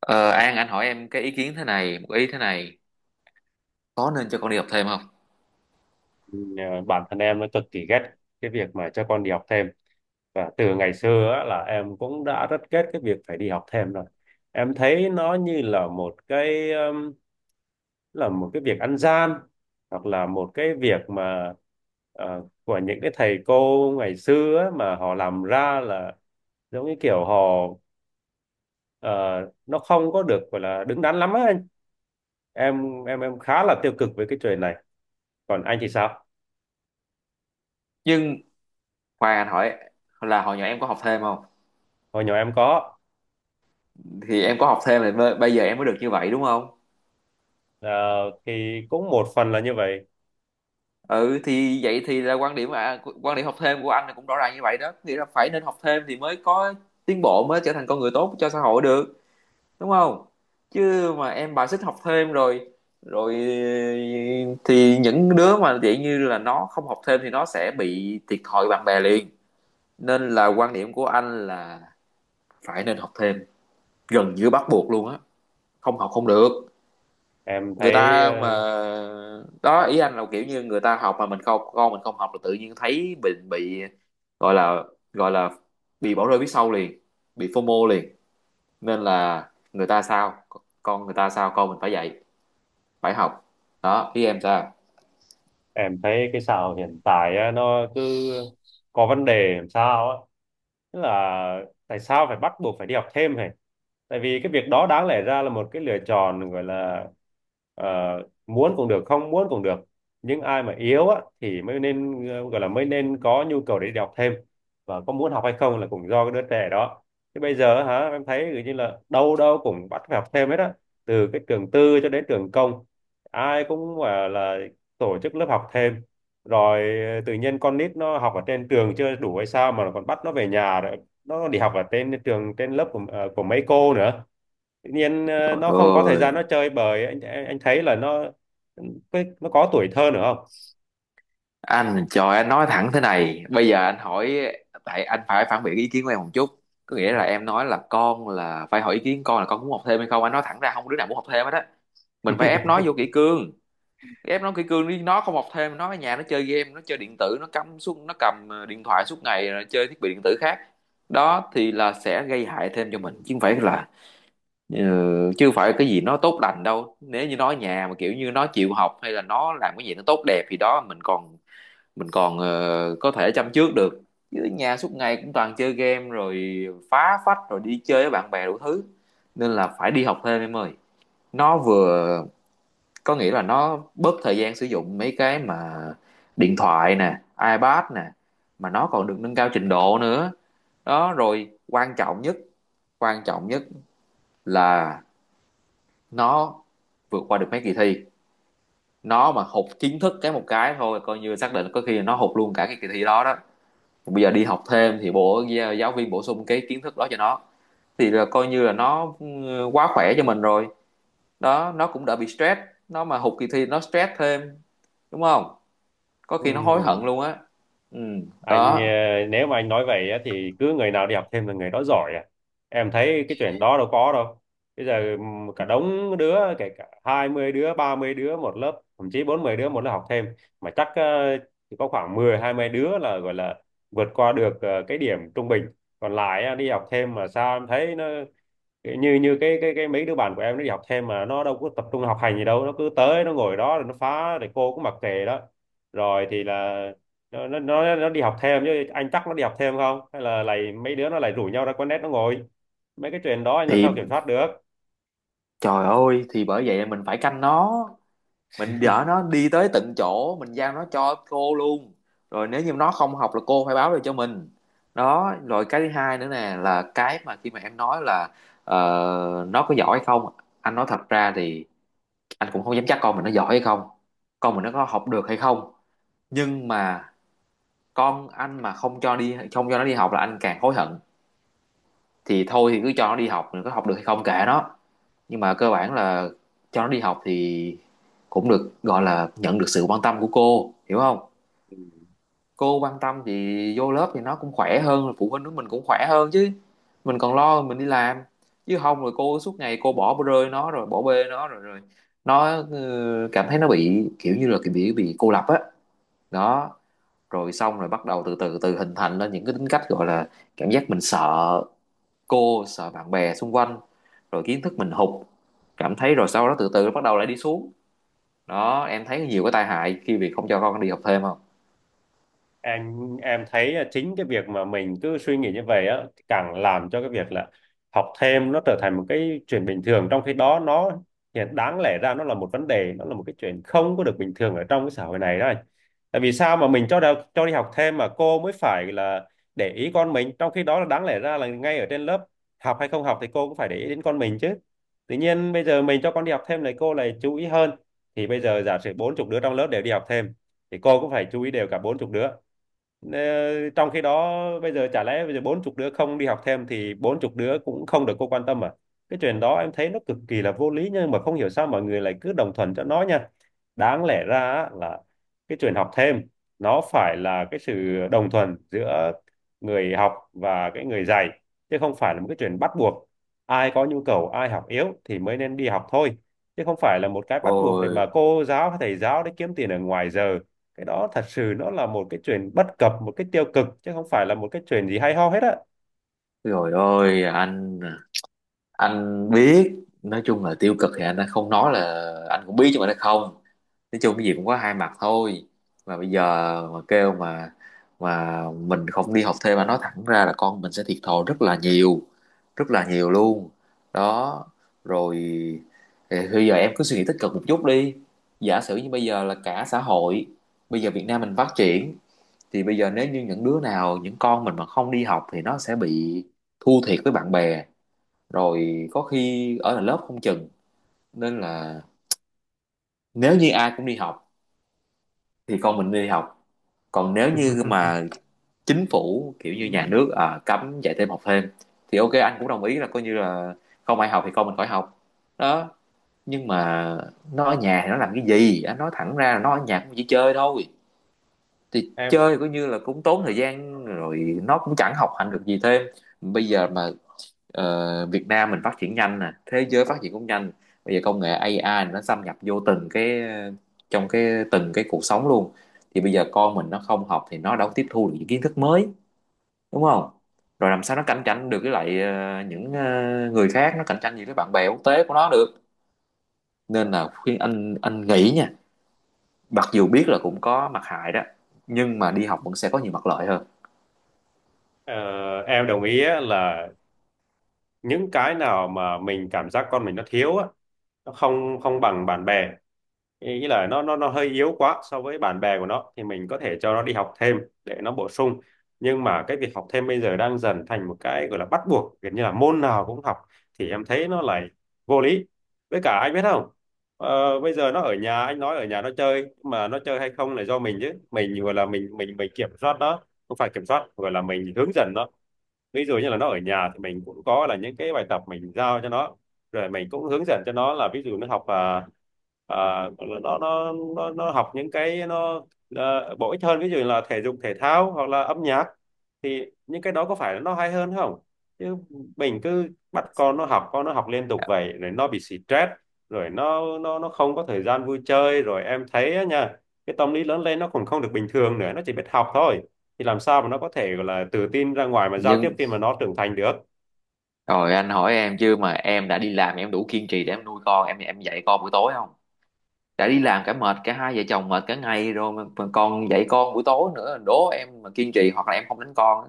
Ờ, An anh hỏi em cái ý kiến thế này, một ý thế này: có nên cho con đi học thêm không? Nhờ bản thân em nó cực kỳ ghét cái việc mà cho con đi học thêm, và từ ngày xưa á, là em cũng đã rất ghét cái việc phải đi học thêm rồi. Em thấy nó như là một cái việc ăn gian, hoặc là một cái việc mà của những cái thầy cô ngày xưa á, mà họ làm ra là giống như kiểu họ, ờ, nó không có được gọi là đứng đắn lắm á anh. Em khá là tiêu cực với cái chuyện này, còn anh thì sao? Nhưng khoan, anh hỏi là hồi nhỏ em có học thêm không? Hồi nhỏ em có. Thì em có học thêm thì bây giờ em mới được như vậy, đúng không? Ờ, thì cũng một phần là như vậy. Ừ, thì vậy thì là quan điểm, à, quan điểm học thêm của anh là cũng rõ ràng như vậy đó, nghĩa là phải nên học thêm thì mới có tiến bộ, mới trở thành con người tốt cho xã hội được, đúng không? Chứ mà em bài xích học thêm rồi rồi thì những đứa mà kiểu như là nó không học thêm thì nó sẽ bị thiệt thòi bạn bè liền. Nên là quan điểm của anh là phải nên học thêm, gần như bắt buộc luôn á, không học không được. em Người thấy ta mà, ờ, đó, ý anh là kiểu như người ta học mà mình không, con mình không học là tự nhiên thấy mình bị gọi là gọi là bị bỏ rơi phía sau liền, bị FOMO liền. Nên là người ta sao, con người ta sao con mình phải dạy, phải học. Đó, ý em sao? em thấy cái xã hội hiện tại á, nó cứ có vấn đề làm sao á. Tức là tại sao phải bắt buộc phải đi học thêm hả? Tại vì cái việc đó đáng lẽ ra là một cái lựa chọn, gọi là ờ, muốn cũng được, không muốn cũng được. Nhưng ai mà yếu á thì mới nên gọi là mới nên có nhu cầu để đi học thêm, và có muốn học hay không là cũng do cái đứa trẻ đó. Thế bây giờ hả, em thấy kiểu như là đâu đâu cũng bắt phải học thêm hết á, từ cái trường tư cho đến trường công, ai cũng gọi là tổ chức lớp học thêm. Rồi tự nhiên con nít nó học ở trên trường chưa đủ hay sao mà còn bắt nó về nhà, rồi nó đi học ở trên trường trên lớp của của mấy cô nữa. Tự nhiên Trời nó không có thời gian ơi, nó chơi bời, anh thấy là nó nó có tuổi thơ nữa không? Anh nói thẳng thế này, bây giờ anh hỏi, tại anh phải phản biện ý kiến của em một chút. Có nghĩa là em nói là con là phải hỏi ý kiến con, là con muốn học thêm hay không. Anh nói thẳng ra, không có đứa nào muốn học thêm hết á. Mình phải ép nó vô kỷ cương, ép nó kỷ cương đi, nó không học thêm nó ở nhà nó chơi game, nó chơi điện tử, nó cắm suốt, nó cầm điện thoại suốt ngày, rồi chơi thiết bị điện tử khác. Đó thì là sẽ gây hại thêm cho mình chứ không phải là ờ, chứ không phải cái gì nó tốt lành đâu. Nếu như nó ở nhà mà kiểu như nó chịu học hay là nó làm cái gì nó tốt đẹp thì đó mình còn, mình còn có thể chăm trước được. Chứ ở nhà suốt ngày cũng toàn chơi game rồi phá phách rồi đi chơi với bạn bè đủ thứ. Nên là phải đi học thêm em ơi. Nó vừa có nghĩa là nó bớt thời gian sử dụng mấy cái mà điện thoại nè, iPad nè, mà nó còn được nâng cao trình độ nữa. Đó, rồi quan trọng nhất, quan trọng nhất là nó vượt qua được mấy kỳ thi. Nó mà hụt kiến thức cái một cái thôi coi như xác định, có khi là nó hụt luôn cả cái kỳ thi đó đó. Bây giờ đi học thêm thì bộ giáo viên bổ sung cái kiến thức đó cho nó thì là coi như là nó, quá khỏe cho mình rồi. Đó, nó cũng đỡ bị stress. Nó mà hụt kỳ thi nó stress thêm, đúng không? Có khi nó hối Ừm. hận luôn á. Ừ. Anh Đó nếu mà anh nói vậy á, thì cứ người nào đi học thêm là người đó giỏi à? Em thấy cái chuyện đó đâu có đâu. Bây giờ cả đống đứa, kể cả 20 đứa, 30 đứa một lớp, thậm chí 40 đứa một lớp học thêm, mà chắc chỉ có khoảng mười, hai mươi đứa là gọi là vượt qua được cái điểm trung bình. Còn lại á, đi học thêm mà sao em thấy nó kiểu như, như cái mấy đứa bạn của em nó đi học thêm mà nó đâu có tập trung học hành gì đâu, nó cứ tới nó ngồi đó rồi nó phá, rồi cô cũng mặc kệ đó. Rồi thì là nó đi học thêm, chứ anh chắc nó đi học thêm không, hay là lại mấy đứa nó lại rủ nhau ra quán net nó ngồi? Mấy cái chuyện đó anh làm thì, sao kiểm soát được? trời ơi, thì bởi vậy mình phải canh nó. Mình dở nó đi tới tận chỗ, mình giao nó cho cô luôn. Rồi nếu như nó không học là cô phải báo lại cho mình. Đó, rồi cái thứ hai nữa nè, là cái mà khi mà em nói là ờ, nó có giỏi hay không. Anh nói thật ra thì anh cũng không dám chắc con mình nó giỏi hay không, con mình nó có học được hay không. Nhưng mà con anh mà không cho đi, không cho nó đi học là anh càng hối hận. Thì thôi thì cứ cho nó đi học, mình có học được hay không kệ nó. Nhưng mà cơ bản là cho nó đi học thì cũng được gọi là nhận được sự quan tâm của cô, hiểu không? Cô quan tâm thì vô lớp thì nó cũng khỏe hơn, phụ huynh của mình cũng khỏe hơn chứ, mình còn lo mình đi làm. Chứ không rồi cô suốt ngày cô bỏ rơi nó rồi bỏ bê nó rồi rồi nó cảm thấy nó bị kiểu như là cái bị, cô lập á. Đó, rồi xong rồi bắt đầu từ từ từ hình thành lên những cái tính cách, gọi là cảm giác mình sợ cô, sợ bạn bè xung quanh, rồi kiến thức mình hụt cảm thấy, rồi sau đó từ từ nó bắt đầu lại đi xuống. Đó, em thấy nhiều cái tai hại khi việc không cho con đi học thêm không? Anh em thấy à, chính cái việc mà mình cứ suy nghĩ như vậy á, càng làm cho cái việc là học thêm nó trở thành một cái chuyện bình thường, trong khi đó nó hiện đáng lẽ ra nó là một vấn đề, nó là một cái chuyện không có được bình thường ở trong cái xã hội này đó anh. Tại vì sao mà mình cho đi học thêm mà cô mới phải là để ý con mình, trong khi đó là đáng lẽ ra là ngay ở trên lớp, học hay không học thì cô cũng phải để ý đến con mình chứ. Tự nhiên bây giờ mình cho con đi học thêm này cô lại chú ý hơn. Thì bây giờ giả sử bốn chục đứa trong lớp đều đi học thêm thì cô cũng phải chú ý đều cả bốn chục đứa. Ờ, trong khi đó bây giờ chả lẽ bây giờ bốn chục đứa không đi học thêm thì bốn chục đứa cũng không được cô quan tâm à? Cái chuyện đó em thấy nó cực kỳ là vô lý, nhưng mà không hiểu sao mọi người lại cứ đồng thuận cho nó nha. Đáng lẽ ra á, là cái chuyện học thêm nó phải là cái sự đồng thuận giữa người học và cái người dạy, chứ không phải là một cái chuyện bắt buộc. Ai có nhu cầu, ai học yếu thì mới nên đi học thôi, chứ không phải là một cái bắt buộc để Ôi, mà cô giáo hay thầy giáo để kiếm tiền ở ngoài giờ. Cái đó thật sự nó là một cái chuyện bất cập, một cái tiêu cực, chứ không phải là một cái chuyện gì hay ho hết á. rồi, ôi anh biết. Nói chung là tiêu cực thì anh đã không nói, là anh cũng biết chứ, mà nó không... Nói chung cái gì cũng có hai mặt thôi. Mà bây giờ, mà kêu mà mình không đi học thêm mà nói thẳng ra là con mình sẽ thiệt thòi rất là nhiều, rất là nhiều luôn. Đó, rồi thì bây giờ em cứ suy nghĩ tích cực một chút đi. Giả sử như bây giờ là cả xã hội, bây giờ Việt Nam mình phát triển, thì bây giờ nếu như những đứa nào, những con mình mà không đi học thì nó sẽ bị thua thiệt với bạn bè, rồi có khi ở là lớp không chừng. Nên là nếu như ai cũng đi học thì con mình đi học. Còn nếu như mà chính phủ kiểu như nhà nước, à, cấm dạy thêm học thêm thì ok, anh cũng đồng ý là coi như là không ai học thì con mình khỏi học. Đó, nhưng mà nó ở nhà thì nó làm cái gì? Anh nói thẳng ra là nó ở nhà cũng chỉ chơi thôi. Thì Em chơi coi như là cũng tốn thời gian rồi, nó cũng chẳng học hành được gì thêm. Bây giờ mà, Việt Nam mình phát triển nhanh nè, thế giới phát triển cũng nhanh. Bây giờ công nghệ AI nó xâm nhập vô từng cái, trong cái từng cái cuộc sống luôn. Thì bây giờ con mình nó không học thì nó đâu có tiếp thu được những kiến thức mới, đúng không? Rồi làm sao nó cạnh tranh được với lại những người khác, nó cạnh tranh gì với bạn bè quốc tế của nó được. Nên là khuyên anh nghĩ nha, mặc dù biết là cũng có mặt hại đó nhưng mà đi học vẫn sẽ có nhiều mặt lợi hơn. ờ, em đồng ý á, là những cái nào mà mình cảm giác con mình nó thiếu á, nó không không bằng bạn bè, ý ý là nó hơi yếu quá so với bạn bè của nó, thì mình có thể cho nó đi học thêm để nó bổ sung. Nhưng mà cái việc học thêm bây giờ đang dần thành một cái gọi là bắt buộc, gần như là môn nào cũng học, thì em thấy nó lại vô lý. Với cả anh biết không, ờ, bây giờ nó ở nhà, anh nói ở nhà nó chơi, nhưng mà nó chơi hay không là do mình chứ, mình gọi là mình kiểm soát nó, không phải kiểm soát, gọi là mình hướng dẫn nó. Ví dụ như là nó ở nhà thì mình cũng có là những cái bài tập mình giao cho nó, rồi mình cũng hướng dẫn cho nó, là ví dụ nó học à, nó học những cái nó à, bổ ích hơn, ví dụ là thể dục thể thao hoặc là âm nhạc, thì những cái đó có phải là nó hay hơn không? Chứ mình cứ bắt con nó học, con nó học liên tục vậy rồi nó bị stress, rồi nó không có thời gian vui chơi, rồi em thấy á nha, cái tâm lý lớn lên nó còn không được bình thường nữa, nó chỉ biết học thôi, thì làm sao mà nó có thể gọi là tự tin ra ngoài mà giao tiếp Nhưng khi mà nó trưởng thành được? rồi anh hỏi em chứ, mà em đã đi làm, em đủ kiên trì để em nuôi con em, dạy con buổi tối không? Đã đi làm cả mệt, cả hai vợ chồng mệt cả ngày rồi mà còn dạy con buổi tối nữa, đố em mà kiên trì hoặc là em không đánh con.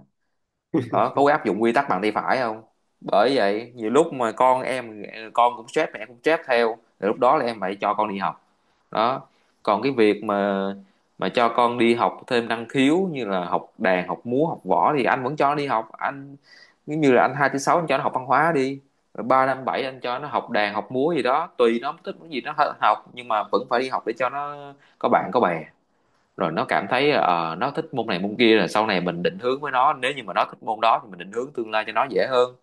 Đó có áp dụng quy tắc bằng tay phải không? Bởi vậy nhiều lúc mà con em con cũng stress, mẹ cũng stress theo, thì lúc đó là em phải cho con đi học. Đó, còn cái việc mà, cho con đi học thêm năng khiếu như là học đàn, học múa, học võ thì anh vẫn cho nó đi học anh. Giống như là anh hai thứ sáu anh cho nó học văn hóa đi, rồi ba năm bảy anh cho nó học đàn, học múa gì đó tùy nó thích cái gì nó học. Nhưng mà vẫn phải đi học để cho nó có bạn có bè, rồi nó cảm thấy nó thích môn này môn kia, rồi sau này mình định hướng với nó, nếu như mà nó thích môn đó thì mình định hướng tương lai cho nó dễ hơn.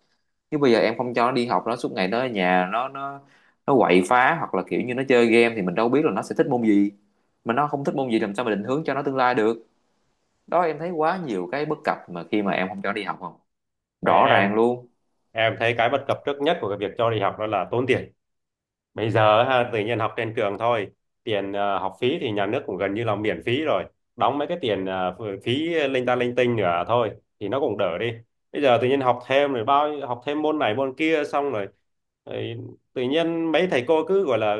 Chứ bây giờ em không cho nó đi học nó suốt ngày nó ở nhà nó, nó quậy phá hoặc là kiểu như nó chơi game thì mình đâu biết là nó sẽ thích môn gì. Mà nó không thích môn gì làm sao mà định hướng cho nó tương lai được. Đó, em thấy quá nhiều cái bất cập mà khi mà em không cho nó đi học không? Ờ, Rõ ràng em luôn. em thấy cái bất cập trước nhất của cái việc cho đi học đó là tốn tiền. Bây giờ ha, tự nhiên học trên trường thôi, tiền học phí thì nhà nước cũng gần như là miễn phí rồi, đóng mấy cái tiền phí linh ta linh tinh nữa thôi thì nó cũng đỡ đi. Bây giờ tự nhiên học thêm rồi học thêm môn này môn kia xong rồi, rồi tự nhiên mấy thầy cô cứ gọi là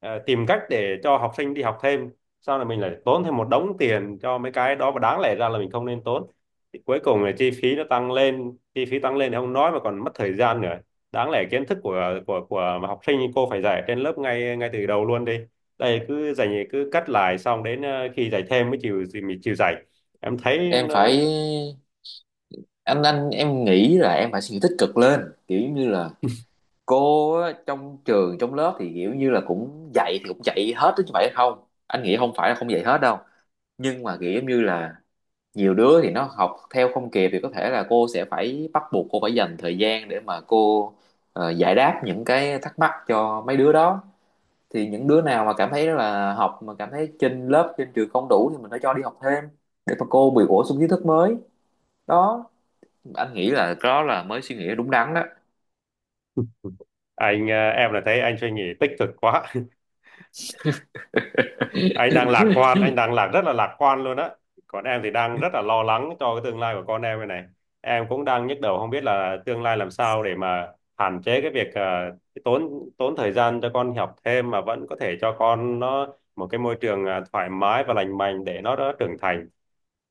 tìm cách để cho học sinh đi học thêm, sau này mình lại tốn thêm một đống tiền cho mấy cái đó mà đáng lẽ ra là mình không nên tốn. Thì cuối cùng là chi phí nó tăng lên, chi phí tăng lên thì không nói, mà còn mất thời gian nữa. Đáng lẽ kiến thức của học sinh cô phải dạy trên lớp ngay ngay từ đầu luôn đi, đây cứ dạy cứ cắt lại, xong đến khi dạy thêm mới chịu, mình chịu dạy. Em thấy Em nó- phải Anh em nghĩ là em phải suy nghĩ tích cực lên. Kiểu như là cô á, trong trường trong lớp thì kiểu như là cũng dạy thì cũng dạy hết chứ, phải không? Anh nghĩ không phải là không dạy hết đâu. Nhưng mà kiểu như là nhiều đứa thì nó học theo không kịp thì có thể là cô sẽ phải bắt buộc cô phải dành thời gian để mà cô giải đáp những cái thắc mắc cho mấy đứa đó. Thì những đứa nào mà cảm thấy là học mà cảm thấy trên lớp trên trường không đủ thì mình phải cho đi học thêm để mà cô bị bổ sung kiến thức mới. Đó, anh nghĩ là đó là mới suy nghĩ đúng đắn đó. anh em là thấy anh suy nghĩ tích cực quá, anh đang lạc quan, anh đang rất là lạc quan luôn á. Còn em thì đang rất là lo lắng cho cái tương lai của con em này này. Em cũng đang nhức đầu không biết là tương lai làm sao để mà hạn chế cái việc cái tốn tốn thời gian cho con học thêm, mà vẫn có thể cho con nó một cái môi trường thoải mái và lành mạnh để nó đã trưởng thành.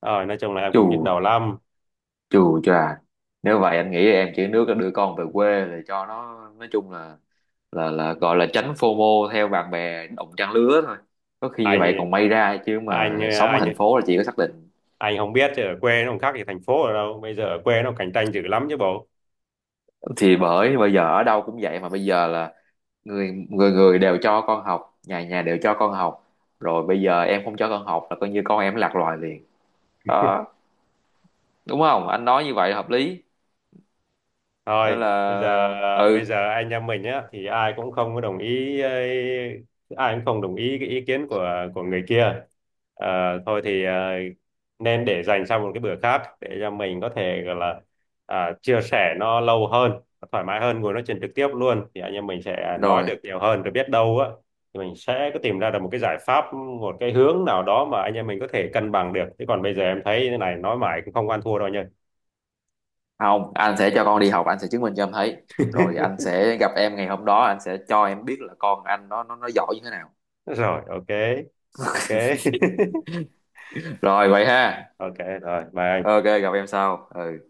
Ờ, nói chung là em chù cũng nhức đầu lắm. Chù chà, nếu vậy anh nghĩ em chỉ nước là đưa con về quê để cho nó nói chung là, gọi là tránh FOMO theo bạn bè đồng trang lứa thôi. Có khi như vậy còn anh may ra, chứ anh mà sống ở anh thành phố là chỉ có xác định. anh không biết chứ ở quê nó không khác gì thành phố ở đâu, bây giờ ở quê nó cạnh tranh dữ lắm chứ bộ. Thì bởi bây giờ ở đâu cũng vậy mà, bây giờ là người người người đều cho con học, nhà nhà đều cho con học. Rồi bây giờ em không cho con học là coi như con em lạc loài liền. Đó, đúng không? Anh nói như vậy là hợp lý. Thôi, Nên bây giờ là, bây ừ, giờ anh em mình á thì ai cũng không có đồng ý ấy, ai cũng không đồng ý cái ý kiến của người kia. Ờ, thôi thì, ờ, nên để dành sang một cái bữa khác để cho mình có thể gọi là chia sẻ nó lâu hơn, thoải mái hơn, ngồi nói chuyện trực tiếp luôn, thì anh em mình sẽ nói được rồi, nhiều hơn, rồi biết đâu á thì mình sẽ có tìm ra được một cái giải pháp, một cái hướng nào đó mà anh em mình có thể cân bằng được. Chứ còn bây giờ em thấy thế này nói mãi cũng không ăn thua đâu nha. không, anh sẽ cho con đi học, anh sẽ chứng minh cho em thấy. Rồi anh sẽ gặp em ngày hôm đó, anh sẽ cho em biết là con anh nó giỏi như thế nào. Rồi, ok. Ok. Rồi vậy ha, Ok, rồi bye. ok, gặp em sau, ừ.